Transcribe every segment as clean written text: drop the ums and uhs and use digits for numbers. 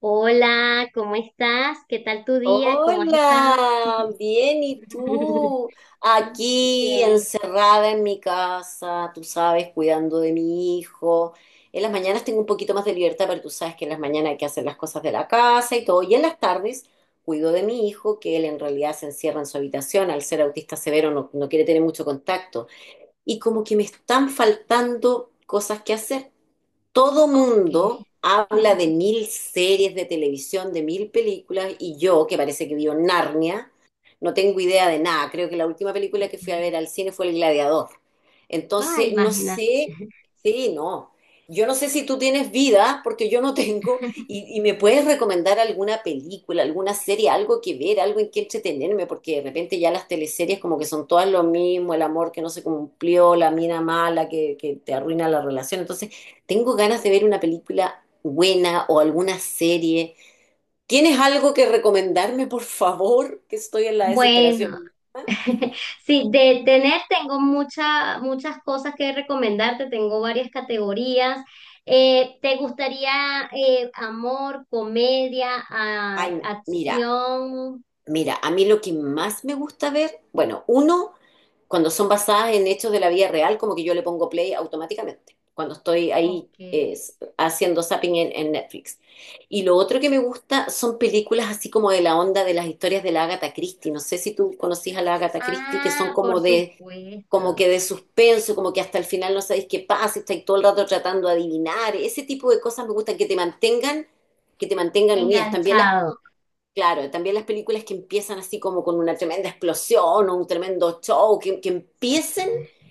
Hola, ¿cómo estás? ¿Qué tal tu día? ¿Cómo has estado? Hola, bien, ¿y tú? Aquí Bien. encerrada en mi casa, tú sabes, cuidando de mi hijo. En las mañanas tengo un poquito más de libertad, pero tú sabes que en las mañanas hay que hacer las cosas de la casa y todo. Y en las tardes cuido de mi hijo, que él en realidad se encierra en su habitación, al ser autista severo no, no quiere tener mucho contacto. Y como que me están faltando cosas que hacer. Todo Oh. mundo habla de mil series de televisión, de mil películas, y yo, que parece que vio Narnia, no tengo idea de nada. Creo que la última película que fui a ver al cine fue El Gladiador. Ah, Entonces, no imagínate. sé, sí, no. Yo no sé si tú tienes vida, porque yo no tengo, y me puedes recomendar alguna película, alguna serie, algo que ver, algo en que entretenerme, porque de repente ya las teleseries como que son todas lo mismo, el amor que no se cumplió, la mina mala que te arruina la relación. Entonces, tengo ganas de ver una película buena o alguna serie. ¿Tienes algo que recomendarme, por favor? Que estoy en la desesperación. Bueno, Ah, sí, de tener tengo muchas cosas que recomendarte, tengo varias categorías. ¿Te gustaría amor, comedia, a ay, mira, acción? Mira, a mí lo que más me gusta ver, bueno, uno, cuando son basadas en hechos de la vida real, como que yo le pongo play automáticamente, cuando estoy ahí Ok. Haciendo zapping en Netflix. Y lo otro que me gusta son películas así como de la onda de las historias de la Agatha Christie. No sé si tú conocís a la Agatha Christie, que son Ah, por como de, como supuesto. que de suspenso, como que hasta el final no sabéis qué pasa, y estáis todo el rato tratando de adivinar. Ese tipo de cosas me gustan, que te mantengan unidas. También las Enganchado. Claro, también las películas que empiezan así como con una tremenda explosión o un tremendo show, que empiecen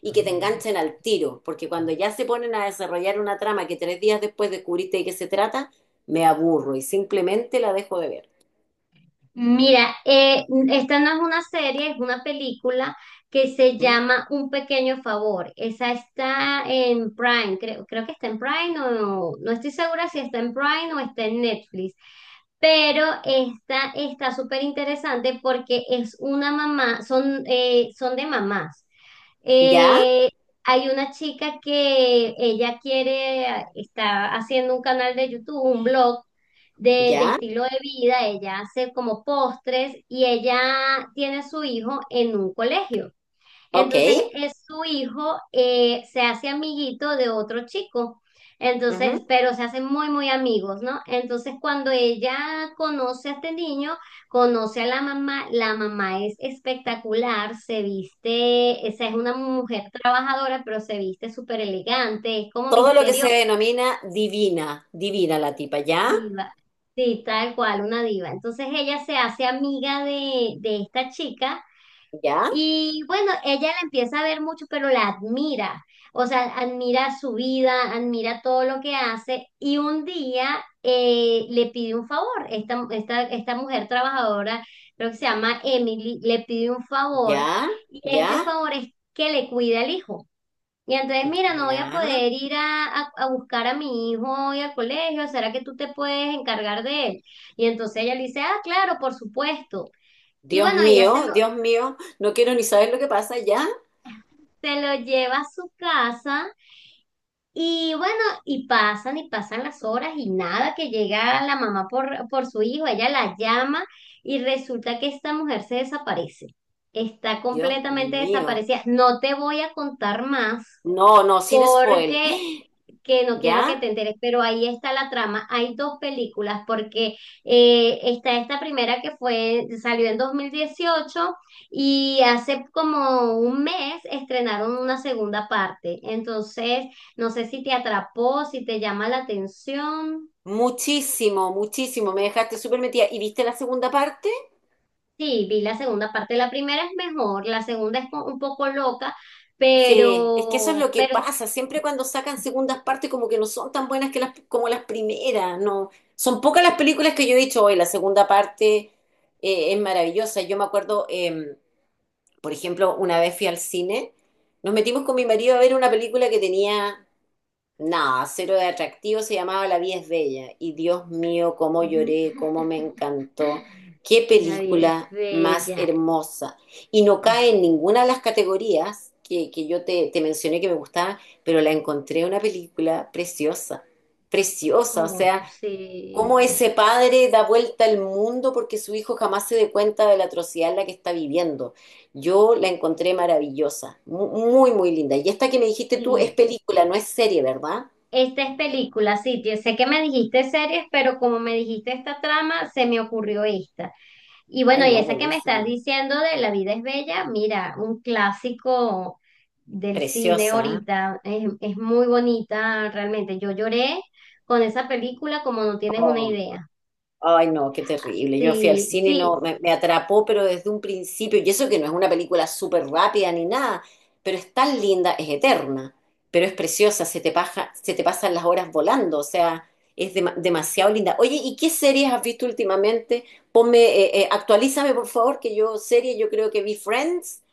y que te enganchen al tiro, porque cuando ya se ponen a desarrollar una trama que 3 días después descubriste de qué se trata, me aburro y simplemente la dejo de ver. Mira, esta no es una serie, es una película que se ¿Mm? llama Un Pequeño Favor. Esa está en Prime, creo, creo que está en Prime o no, no estoy segura si está en Prime o está en Netflix. Pero esta está súper interesante porque es una mamá, son, son de mamás. ¿Ya? Eh, hay una chica que ella quiere, está haciendo un canal de YouTube, un blog de ¿Ya? estilo de vida, ella hace como postres y ella tiene a su hijo en un colegio. Ok. Entonces, su hijo se hace amiguito de otro chico. Ujú. Entonces, pero se hacen muy, muy amigos, ¿no? Entonces, cuando ella conoce a este niño, conoce a la mamá es espectacular, se viste, esa es una mujer trabajadora, pero se viste súper elegante, es como Todo lo que se misteriosa, denomina divina, divina la tipa, ¿ya? diva. Sí, tal cual, una diva. Entonces, ella se hace amiga de esta chica. ¿Ya? Y bueno, ella la empieza a ver mucho, pero la admira. O sea, admira su vida, admira todo lo que hace. Y un día le pide un favor. Esta mujer trabajadora, creo que se llama Emily, le pide un favor. ¿Ya? Y este ¿Ya? favor es que le cuide al hijo. Y entonces, mira, no voy a ¿Ya? poder ir a buscar a mi hijo hoy al colegio. ¿Será que tú te puedes encargar de él? Y entonces ella le dice, ah, claro, por supuesto. Y bueno, ella Dios mío, no quiero ni saber lo que pasa, ¿ya? se lo lleva a su casa y bueno, y pasan las horas y nada, que llega la mamá por su hijo, ella la llama y resulta que esta mujer se desaparece, está Dios completamente mío. desaparecida. No te voy a contar más No, no, sin spoil. porque que no quiero que ¿Ya? te enteres, pero ahí está la trama. Hay dos películas, porque está esta primera que salió en 2018 y hace como un mes estrenaron una segunda parte. Entonces, no sé si te atrapó, si te llama la atención. Muchísimo, muchísimo. Me dejaste súper metida. ¿Y viste la segunda parte? Sí, vi la segunda parte. La primera es mejor, la segunda es un poco loca, Sí, es que eso es lo que pero pasa. Siempre cuando sacan segundas partes, como que no son tan buenas que las, como las primeras, ¿no? Son pocas las películas que yo he dicho hoy. La segunda parte es maravillosa. Yo me acuerdo, por ejemplo, una vez fui al cine, nos metimos con mi marido a ver una película que tenía nada, cero de atractivo, se llamaba La vida es bella. Y Dios mío, cómo Ujú. lloré, cómo me encantó. Qué La vida es película más bella. hermosa. Y no cae en ninguna de las categorías que yo te mencioné que me gustaba, pero la encontré una película preciosa, preciosa. O Como, sea, sí. cómo ese padre da vuelta al mundo porque su hijo jamás se dé cuenta de la atrocidad en la que está viviendo. Yo la encontré maravillosa, muy, muy linda. Y esta que me dijiste tú es Sí, película, no es serie, ¿verdad? esta es película, sí, sé que me dijiste series, pero como me dijiste esta trama, se me ocurrió esta. Y bueno, Ay, y no, esa que me estás buenísima. diciendo de La vida es bella, mira, un clásico del cine Preciosa. ¿Eh? ahorita, es muy bonita realmente. Yo lloré con esa película como no tienes una Oh, idea. ay, no, qué terrible. Yo fui al Sí, cine y sí, no, me atrapó, pero desde un principio. Y eso que no es una película súper rápida ni nada, pero es tan linda, es eterna, pero es preciosa, se te paja, se te pasan las horas volando, o sea, es demasiado linda. Oye, ¿y qué series has visto últimamente? Ponme, actualízame, por favor, yo creo que vi Friends.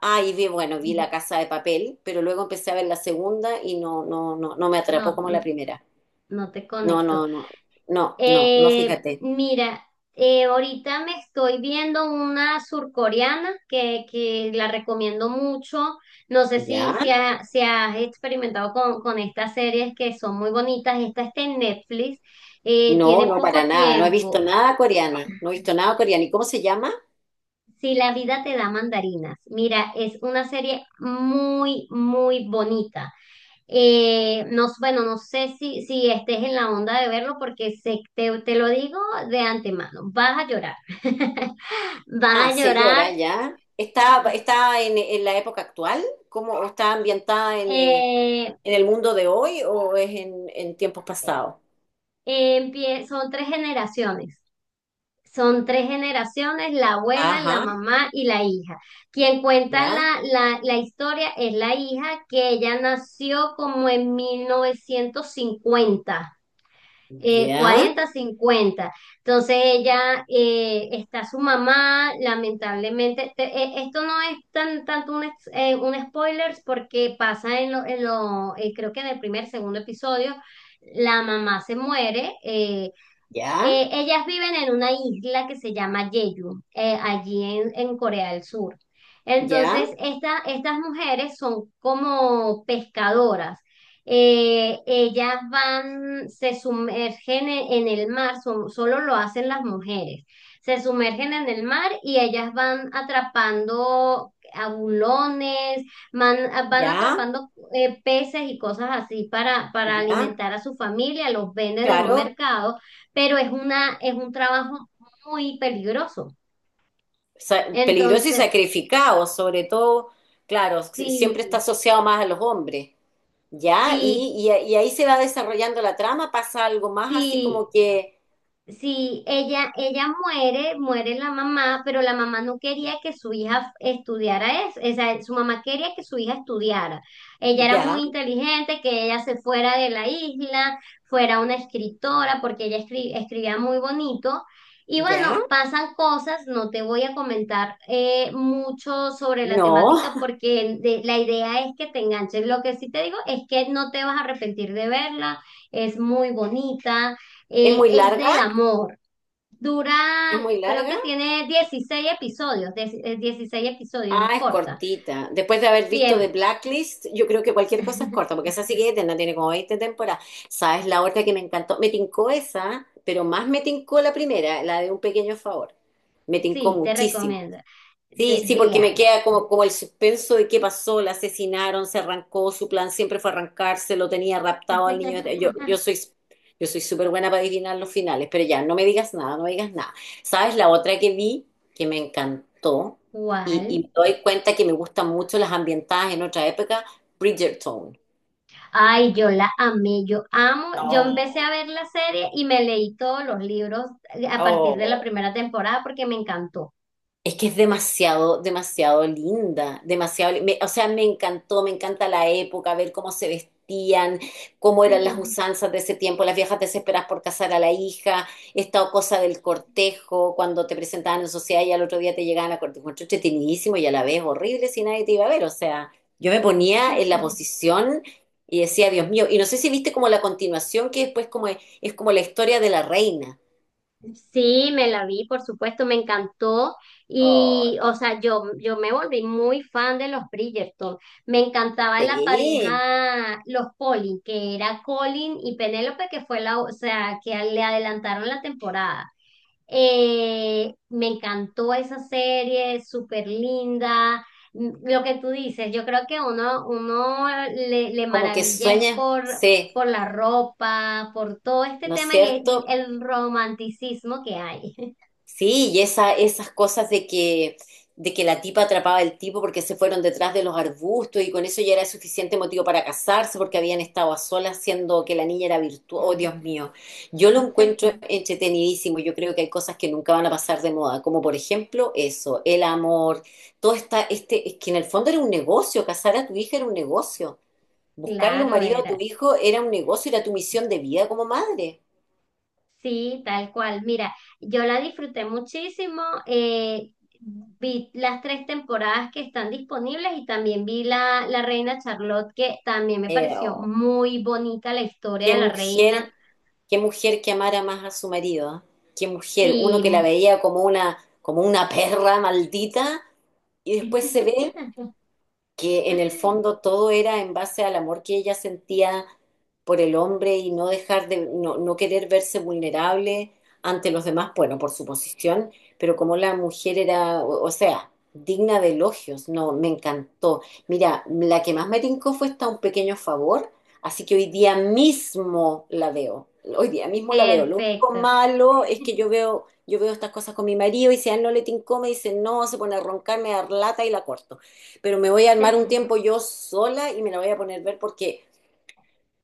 Ah, y vi La Casa de Papel, pero luego empecé a ver la segunda y no, no, no, no me atrapó no, como la primera. no te No, conecto. no, no, no, no, no, fíjate. Mira, ahorita me estoy viendo una surcoreana que la recomiendo mucho. No sé ¿Ya? Si has experimentado con estas series que son muy bonitas. Esta está en Netflix, No, tiene no, para poco nada. No he visto tiempo. nada coreano. No he visto nada coreano. ¿Y cómo se llama? Si la vida te da mandarinas. Mira, es una serie muy, muy bonita. No, bueno, no sé si, si estés en la onda de verlo porque te, te lo digo de antemano, vas a llorar, vas Ah, a llorar. señora, ya. ¿Está en la época actual? ¿Cómo o está ambientada en, eh, Eh, en el mundo de hoy o es en tiempos pasados? eh, empie- son tres generaciones, son tres generaciones, la abuela, la Ajá, mamá y la hija. Quien cuenta ya, la historia es la hija que ella nació como en 1950 ya, 40, 50. Entonces ella, está su mamá, lamentablemente, esto no es tan, tanto un spoiler porque pasa en en lo creo que en el primer, segundo episodio, la mamá se muere, ya, ellas viven en una isla que se llama Jeju, allí en Corea del Sur. ya, Entonces, estas mujeres son como pescadoras. Ellas van, se sumergen en el mar, solo lo hacen las mujeres. Se sumergen en el mar y ellas van atrapando abulones, van, van ya, atrapando peces y cosas así para ya. alimentar a su familia, los venden en un Claro, mercado pero es un trabajo muy peligroso. Peligroso y Entonces, sacrificado, sobre todo, claro, siempre está sí, asociado más a los hombres. Ya, y, sí, y, y ahí se va desarrollando la trama, pasa algo más así como sí, que, sí, ella muere, muere la mamá, pero la mamá no quería que su hija estudiara eso, o sea, su mamá quería que su hija estudiara. Ella era muy ya, inteligente, que ella se fuera de la isla, fuera una escritora, porque ella escribía muy bonito. Y ya, bueno, pasan cosas, no te voy a comentar mucho sobre la no, temática porque la idea es que te enganches. Lo que sí te digo es que no te vas a arrepentir de verla, es muy bonita. es muy Es larga, del amor. Dura, es muy creo larga. que tiene 16 episodios, 16 episodios, es Ah, es corta. cortita. Después de haber Sí, visto The Blacklist, yo creo que cualquier cosa es corta, porque esa sí que eterna, tiene como 20 temporadas. ¿Sabes la otra que me encantó? Me tincó esa, pero más me tincó la primera, la de Un Pequeño Favor. Me tincó sí, te muchísimo. recomiendo. Sí, sí, porque me Véala. queda como el suspenso de qué pasó, la asesinaron, se arrancó, su plan siempre fue arrancarse, lo tenía raptado al niño. Yo, yo soy, yo soy súper buena para adivinar los finales, pero ya, no me digas nada, no me digas nada. ¿Sabes? La otra que vi, que me encantó, y me ¿Cuál? doy cuenta que me gustan mucho las ambientadas en otra época, Bridgerton. Ay, yo la amé, yo amo. Yo empecé a ver Oh, la serie y me leí todos los libros a partir de la oh. primera temporada porque me encantó. Es que es demasiado, demasiado linda, demasiado, o sea, me encantó, me encanta la época, ver cómo se vestían, cómo eran las usanzas de ese tiempo, las viejas desesperadas por casar a la hija, esta cosa del cortejo, cuando te presentaban en sociedad y al otro día te llegaban a cortejo, encuentro entretenidísimo y a la vez horrible si nadie te iba a ver, o sea, yo me ponía en la posición y decía, Dios mío, y no sé si viste como la continuación que después como es como la historia de la reina. Sí, me la vi, por supuesto, me encantó Oh, y, o sea, yo me volví muy fan de los Bridgerton. Me encantaba la sí, pareja, los Colin, que era Colin y Penélope, que fue la, o sea, que le adelantaron la temporada. Me encantó esa serie, súper linda. M- Lo que tú dices, yo creo que uno le como que maravilla es sueña, sí. por la ropa, por todo este ¿No es tema y cierto? el romanticismo que hay. Sí, y esas cosas de que la tipa atrapaba al tipo porque se fueron detrás de los arbustos y con eso ya era suficiente motivo para casarse porque habían estado a solas siendo que la niña era virtuosa. Oh, Dios mío, yo lo encuentro entretenidísimo. Yo creo que hay cosas que nunca van a pasar de moda, como por ejemplo eso, el amor, todo está, este, es que en el fondo era un negocio, casar a tu hija era un negocio, buscarle un Claro, marido a era. tu hijo era un negocio, era tu misión de vida como madre. Sí, tal cual. Mira, yo la disfruté muchísimo. Vi las tres temporadas que están disponibles y también vi la Reina Charlotte, que también me Eh, pareció oh, muy bonita la historia qué de la reina. mujer. Qué mujer que amara más a su marido. ¿Eh? Qué mujer. Uno Sí. que la veía como una, perra maldita y después se ve que en el fondo todo era en base al amor que ella sentía por el hombre y no dejar de, no, no querer verse vulnerable ante los demás, bueno, por su posición, pero como la mujer era, o sea, digna de elogios, no, me encantó. Mira, la que más me tincó fue esta Un Pequeño Favor, así que hoy día mismo la veo, hoy día mismo la veo. Lo único Perfecto. malo es que yo veo estas cosas con mi marido y si a él no le tincó, me dice no, se pone a roncar, me da lata y la corto, pero me voy a armar un tiempo yo sola y me la voy a poner a ver porque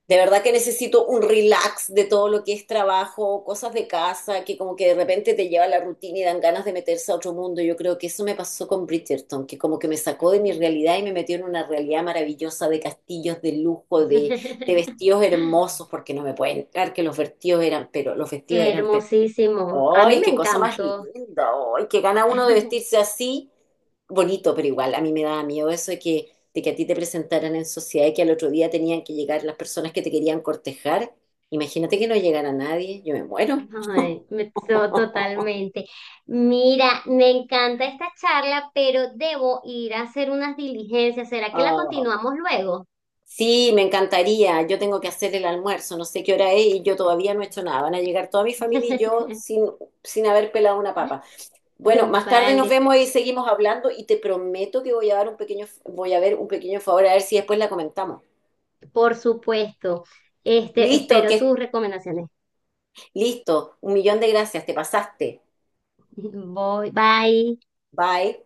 de verdad que necesito un relax de todo lo que es trabajo, cosas de casa, que como que de repente te lleva a la rutina y dan ganas de meterse a otro mundo. Yo creo que eso me pasó con Bridgerton, que como que me sacó de mi realidad y me metió en una realidad maravillosa de castillos de lujo, de vestidos hermosos, porque no me pueden entrar que los vestidos eran, pero los vestidos eran Hermosísimo. A mí ¡Ay, me qué cosa más encantó. linda! ¡Ay, que gana uno de vestirse así! Bonito, pero igual, a mí me daba miedo eso de que, a ti te presentaran en sociedad y que al otro día tenían que llegar las personas que te querían cortejar. Imagínate que no llegara nadie, yo me muero. Ay, totalmente. Mira, me encanta esta charla, pero debo ir a hacer unas diligencias. ¿Será que la Ah. continuamos luego? Sí, me encantaría. Yo tengo que hacer el almuerzo, no sé qué hora es y yo todavía no he hecho nada. Van a llegar toda mi familia y yo sin haber pelado una papa. Bueno, más tarde Vale, nos vemos y seguimos hablando y te prometo que voy a ver un pequeño favor a ver si después la comentamos. por supuesto. Este, Listo, espero que tus recomendaciones. listo. Un millón de gracias, te pasaste. Voy, bye. Bye.